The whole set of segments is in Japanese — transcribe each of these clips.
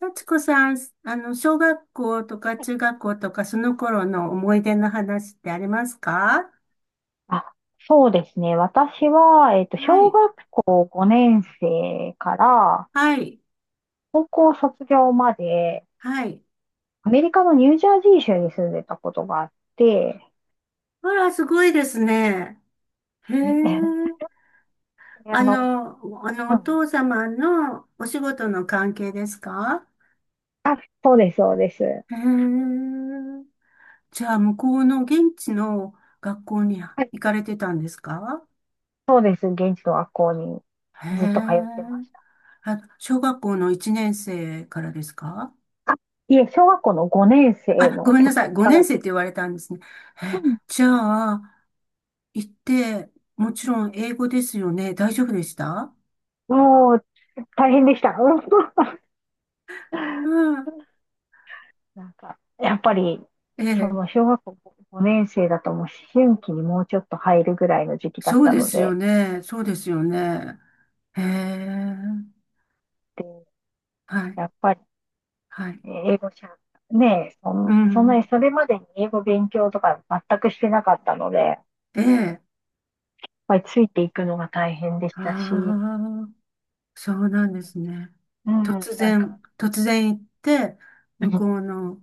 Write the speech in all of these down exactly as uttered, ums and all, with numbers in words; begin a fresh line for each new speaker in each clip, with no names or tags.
幸子さん、あの、小学校とか中学校とかその頃の思い出の話ってありますか？
あ、そうですね。私は、えっと、
は
小
い。
学校ごねん生から
はい。
高校卒業まで、
はい。
アメリカのニュージャージー州に住んでたことがあって、
あら、すごいですね。へ え。
あ
あ
の、
の、あの、
う
お
ん、
父様のお仕事の関係ですか？
あ、そうです、そうです。
へえ。じゃあ、向こうの現地の学校に
はい、
行かれてたんですか？
そうです。現地の学校に
へ
ずっと通ってま
え。
した。
あ、小学校のいちねん生からですか？
あ、いえ、小学校のごねん生
あ、ご
の
めん
途
なさ
中
い。
か
ごねん
ら。
生って言われたんですね。
う
え、
ん、
じゃ
は
あ、行って、もちろん英語ですよね。大丈夫でした？
い、もう、大変でした。うん
うん。
なんか、やっぱり、
え
そ
え、
の小学校ごねん生だともう思春期にもうちょっと入るぐらいの時期だっ
そう
た
で
の
すよ
で、
ね。そうですよね。ええ、
で、
はい、
やっぱり
はい。
ね、英語しゃ、ねえ、そ
う
ん、そんなに
ん。
それまでに英語勉強とか全くしてなかったので、やっ
ええ、
ぱりついていくのが大変でしたし、う
ああ、そうなんですね。
ん、
突
なんか、
然、突然行って、
う
向こ
ん
うの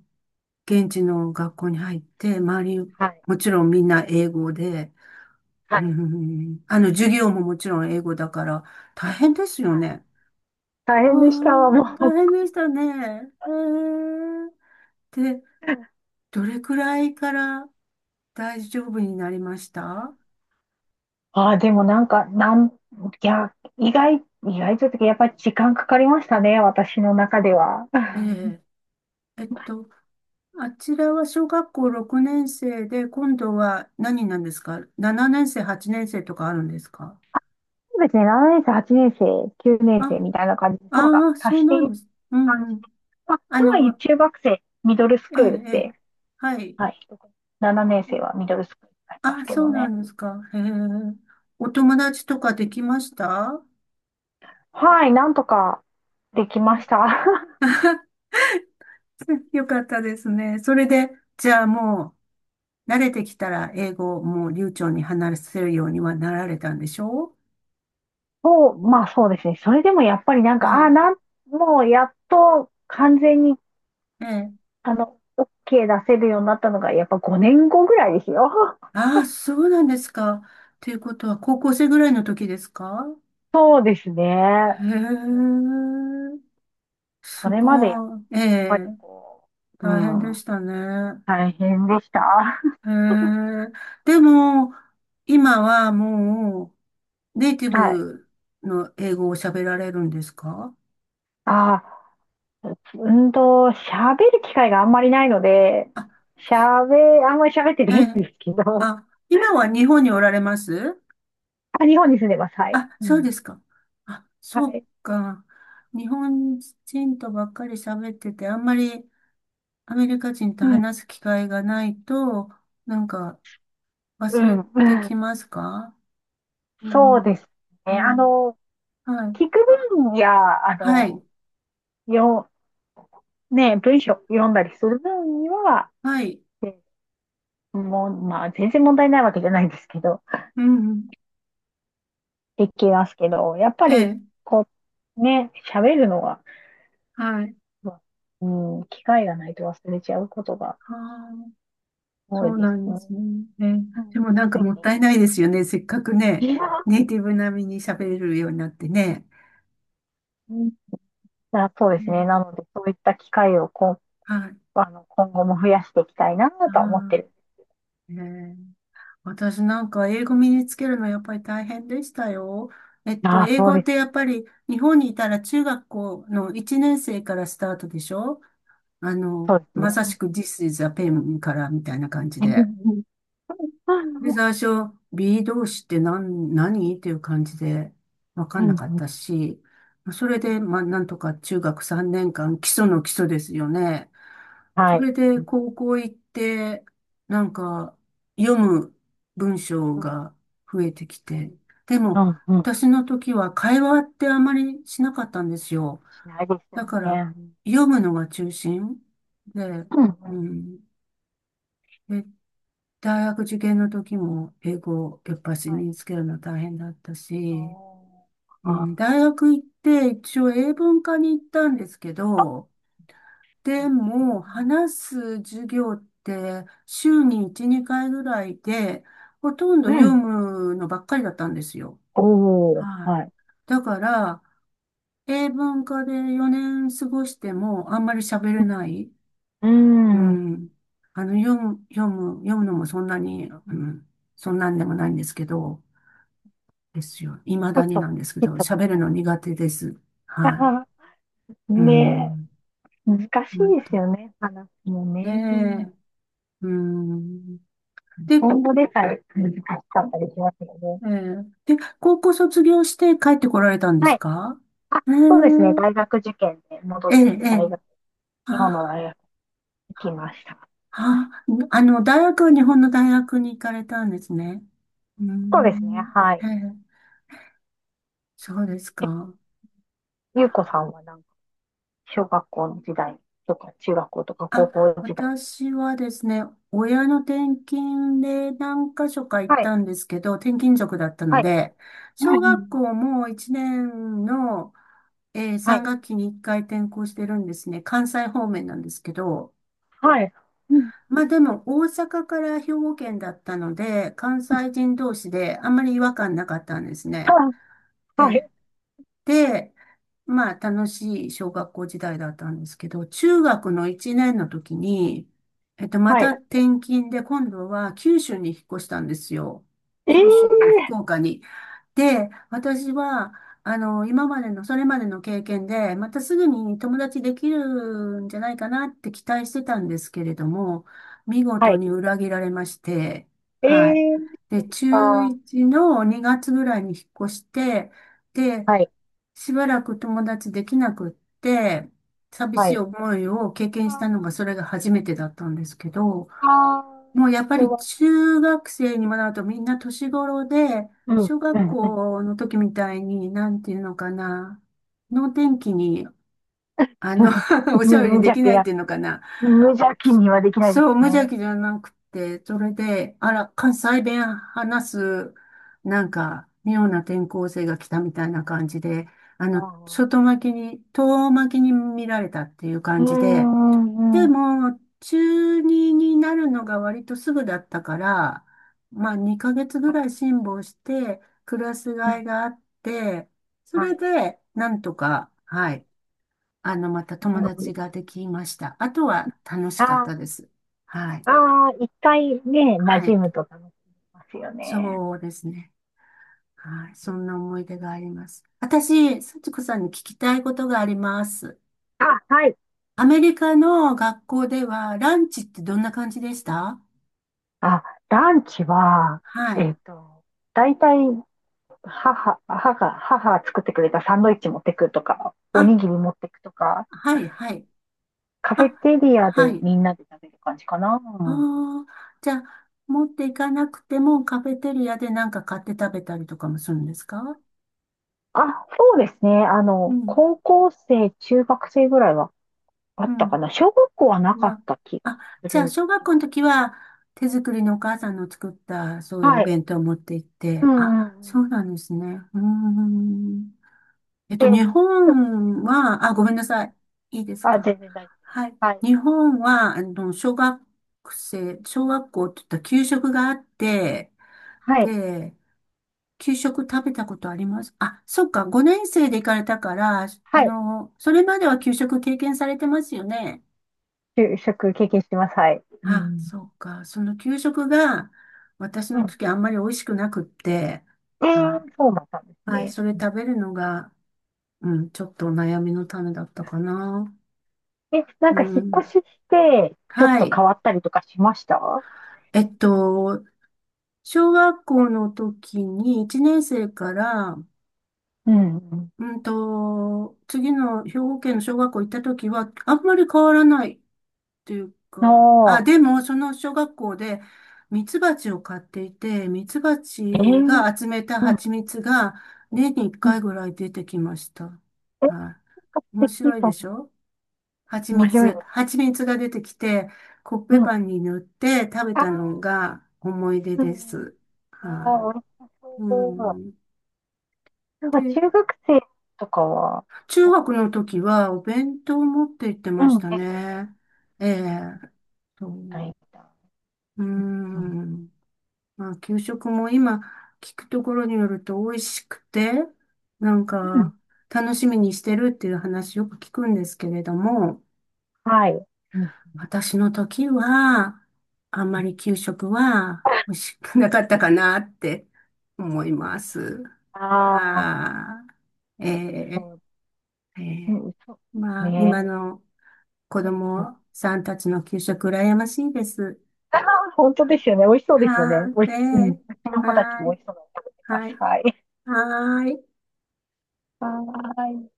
現地の学校に入って、周り、
はい、
もちろんみんな英語で、
は
う
い、
ん。あの、授業ももちろん英語だから、大変ですよ
はい。
ね。
大
わ
変でした
あ、
わ、も
大
う。
変でしたね。へえ。で、どれくらいから大丈夫になりました？
ああ、でもなんか、なん、いや、意外、意外というかやっぱり時間かかりましたね、私の中では。
ええ。えっと、あちらは小学校ろくねん生で、今度は何なんですか？ なな 年生、はちねん生とかあるんですか？
ですね、ななねん生、はちねん生、きゅうねん生
あ、
みたいな感じで、層が
ああ、そ
足
う
してい
なんで
く
す。う
感
ん
じ
うん。
で、まあ、
あ
つまり
の、
中学生、ミドルス
ええ、
クールっ
ええ。
て、
はい。
はい、ななねん生はミドルスクールになりま
あ、
すけ
そ
ど
うな
ね。
んですか。へえ。お友達とかできました？
はい、なんとかでき
う
ま
ん。
した。
よかったですね。それで、じゃあもう、慣れてきたら英語をもう流暢に話せるようにはなられたんでしょ
そう、まあそうですね。それでもやっぱりなん
う？
か、
は
ああ、
い。
なん、もうやっと完全に、
ええ。
あの、OK 出せるようになったのが、やっぱごねんごぐらいですよ。
ああ、そうなんですか。ということは、高校生ぐらいの時ですか？
そうです
へ
ね。
え。
そ
す
れまでやっ
ごい。え
ぱ
え。
りこう、う
大変で
ん。
したね。
大変でした。
へえ。でも、今はもう、ネイティ
はい。
ブの英語を喋られるんですか？
ああ、うんと、喋る機会があんまりないので、
あ、
喋、あんまり喋って
え
ないん
え、
ですけど、
あ、今は日本におられます？
あ、日本に住んでます。はい。
あ、
う
そうで
ん。
すか。あ、
は
そう
い。
か。日本人とばっかり喋ってて、あんまりアメリカ人と
うん、
話す機会がないと、なんか
う
忘れ
ん、う
てき
ん。
ますか？う
そう
ん。
です
う
ね。あ
ん。
の、
はい。
聞く分や、あ
はい。
の、よ、ね、文章読んだりする分には、
はい。
えもう、まあ、全然問題ないわけじゃないんですけど、
うん。
できますけど、やっぱ
え
り、
え。
こう、ね、喋るのは、
はい。
まあ、うん、機会がないと忘れちゃうことが
はあ、
多
そ
い
う
で
な
す
んで
ね。
すね。ね。
うん。
でもなん
つ
かもっ
い
たいないですよね。せっかくね、
に
ネイティブ並みに喋れるようになってね。
うんあ、そうですね。
ね、
なので、そういった機会をこ、
はい。
あの、今後も増やしていきたいなとは思って
は
る。
い。ね、私なんか英語身につけるのやっぱり大変でしたよ。えっと、
ああ、
英
そう
語っ
で
て
す。
やっぱり日本にいたら中学校のいちねん生からスタートでしょ？あの、
そうですね。
まさしく ディス イズ ア ペン からみたいな感じ
うん
で。
うん。
で、最初、B 動詞って何、何っていう感じで分か
う
んなかった
ん
し、それで、まあ、なんとか中学さんねんかん、基礎の基礎ですよね。
は
そ
い。
れで、
うん。
高校行って、なんか、読む文章が増えてきて、で
う
も、
ん、うん。
私の時は会話ってあまりしなかったんですよ。
しないです
だ
よ
から、
ね。
読むのが中心で、
うん、うん
うん。で、大学受験の時も英語やっぱし
は
身
い。
につけるの大変だったし、
お
う
ー、
ん、
あ
大学行って一応英文科に行ったんですけど、で
ー、
も話す授業って週にいち、にかいぐらいで、ほとんど
う
読
ん。
むのばっかりだったんですよ。
おー、
はい。
はい。
だから、英文科でよねん過ごしてもあんまり喋れ
うん。
ない。う
う
ん。あの、読む、読む、読むのもそんな
ん
に、うん、そんなんでもないんですけど、ですよ。未
そ
だ
う
に
そ
な
う、
んですけ
ヒ
ど、
ッばっ
喋る
かり。
の苦手です。
あ
は
あ、
い。う
ね
ん。
え、難し
本
いです
当。
よね、話も
ね
ね。
え。うん。で、
今後でさえ難しかったりしますよね。
えーで、高校卒業して帰ってこられたんで
は
す
い。
か？
あ、
え
そうですね、
ー、
大学受験で戻
え
っ
え、
てきて、
え
大
え。
学、日本の大
あ、
学行きました。
あ、あの、大学は日本の大学に行かれたんですね。うー
そうですね、
ん。
は
え
い。
え、そうです
え、
か。
ゆうこさんはなんか、小学校の時代とか、中学校とか、高
あ、
校時代。
私はですね、親の転勤で何箇所か行っ
はい、
たんですけど、転勤族だったの
はい。
で、
う
小
んう
学
ん、
校もいちねんの、えー
は
さん
い、
学期にいっかい転校してるんですね。関西方面なんですけど、
はい。うん、
まあでも大阪から兵庫県だったので、関西人同士であんまり違和感なかったんですね。
はい、は
え
い。
え、まあ、楽しい小学校時代だったんですけど、中学のいちねんの時に、えっと、ま
はい
た転勤で、今度は九州に引っ越したんですよ。
ええ
九州の福岡に。で、私は、あの、今までの、それまでの経験で、またすぐに友達できるんじゃないかなって期待してたんですけれども、見
は
事
い。
に裏切られまして、はい。
ええ
で、中
か。
いちのにがつぐらいに引っ越して、で、
はい、
しばらく友達できなくって、寂
は
しい
い。
思いを経験
あ
したのがそ
ー
れが初めてだったんですけど、
あ
もうやっぱ
ー、あ
り
は、
中学生にもなるとみんな年頃で、
うん、
小
う
学
ん、うん。
校の時みたいに、なんていうのかな、能天気に、あの おしゃべ
無
りで
邪
き
気
ないっ
な、
ていうのかな、
無邪気にはできないで
そう、
す
無
よ
邪
ね。
気じゃなくて、それで、あら、関西弁話す、なんか、妙な転校生が来たみたいな感じで、あ
あ
の、外
ー
巻きに、遠巻きに見られたっていう
う
感
ー
じで、
ん、うん、
で
は
も、中にになるのが割とすぐだったから、まあ、にかげつぐ
い。
らい辛抱して、クラス
う
替え
ん、
があって、そ
は
れ
い。
で、なんとか、はい、あの、また友達ができました。あとは楽しかっ
あ
たで
あ
す。はい。
ああ一回ね、馴
は
染
い。
むと楽しみますよね。
そうですね。はい。そんな思い出があります。私、幸子さんに聞きたいことがあります。
あ、はい。
アメリカの学校ではランチってどんな感じでした？
あ、ランチは、
は
え
い。
っと、大体、母、母が、母が作ってくれたサンドイッチ持ってくとか、お
あ、
にぎり持ってくとか、
はい、はい。
カフ
あ、
ェテリア
は
で
い。
みんなで食べる感じかな。
あー、じゃあ、持っていかなくてもカフェテリアでなんか買って食べたりとかもするんですか？
あ、そうですね。あ
う
の、
ん、
高校生、中学生ぐらいはあ
う
ったか
ん。
な。小学校はなかっ
は、
た気が
あ、
す
じ
る
ゃあ、
んです
小学
け
校の
ど。
時は、手作りのお母さんの作った、そういうお
はい。
弁当を持って行っ
う
て、
ん
あ、
うん
そ
う
うなんですね。うーん。え
ん。
っと、
で、
日
うん
本は、あ、ごめんなさい。いいです
あ、
か？
全然大丈夫で
は
す。
い。
はい。
日本は、あの、小学生、小学校って言ったら給食があって、
はい。
で、給食食べたことあります？あ、そっか、ごねん生で行かれたから、あ
はい。
の、それまでは給食経験されてますよね。
就職経験してます。はい。う
あ、
ん。
そうか。その給食が私
う
の
ん。
時あんまり美味しくなくって、
で、
はい。
そうだったんです
はい、
ね。
それ食べるのが、うん、ちょっと悩みの種だったかな。
え、なん
う
か引っ
ん。
越しして、ちょっ
は
と変
い。
わったりとかしました
えっと、小学校の時にいちねん生から、
うんうん。
うんと、次の兵庫県の小学校行った時はあんまり変わらないっていうか、
あ
あ、
あ、
でも、その小学校で、ミツバチを飼っていて、ミツバ
え
チ
ー、
が集めた
うん
蜂蜜が、年に1
う
回
ん。
ぐらい出てきました。
え、なん
は
か素
い。面
敵
白い
と
で
思
し
う
ょ？蜂
面白い
蜜。
です。
蜂蜜が出てきて、コッ
う
ペ
んうん。
パンに塗って食べ
あ
たの
あ
が思い出
う
で
んうん。
す。
あ
は
あ、美味し
い。う
そう。
ん。
なんか中
で、
学生とかは、
中
なん
学
か
の時はお弁当を持って行って
う
まし
ん
た
ですよね。
ね。ええ。そ
は
う。
い。
う
うん。
ん。まあ、給食も今聞くところによると美味しくて、なん
うん。
か楽しみにしてるっていう話よく聞くんですけれども、
はい。うん。うん
私の時はあんまり給食は美味しくなかったかなって思います。
ああ、
はい、え
そ
ー、
う。
え
うん、そ
ー、
う。
まあ、今
ね
の子
うん。うん。
供さんたちの給食羨ましいです。
ああ、本当ですよね。美味しそうですよ
は
ね。
い、
美味
え
し、うん。う
ー、
ちの子たち
は
も
い、
美味しそうなの食べてま
は
す。
い、
はい。
はい。
はーい。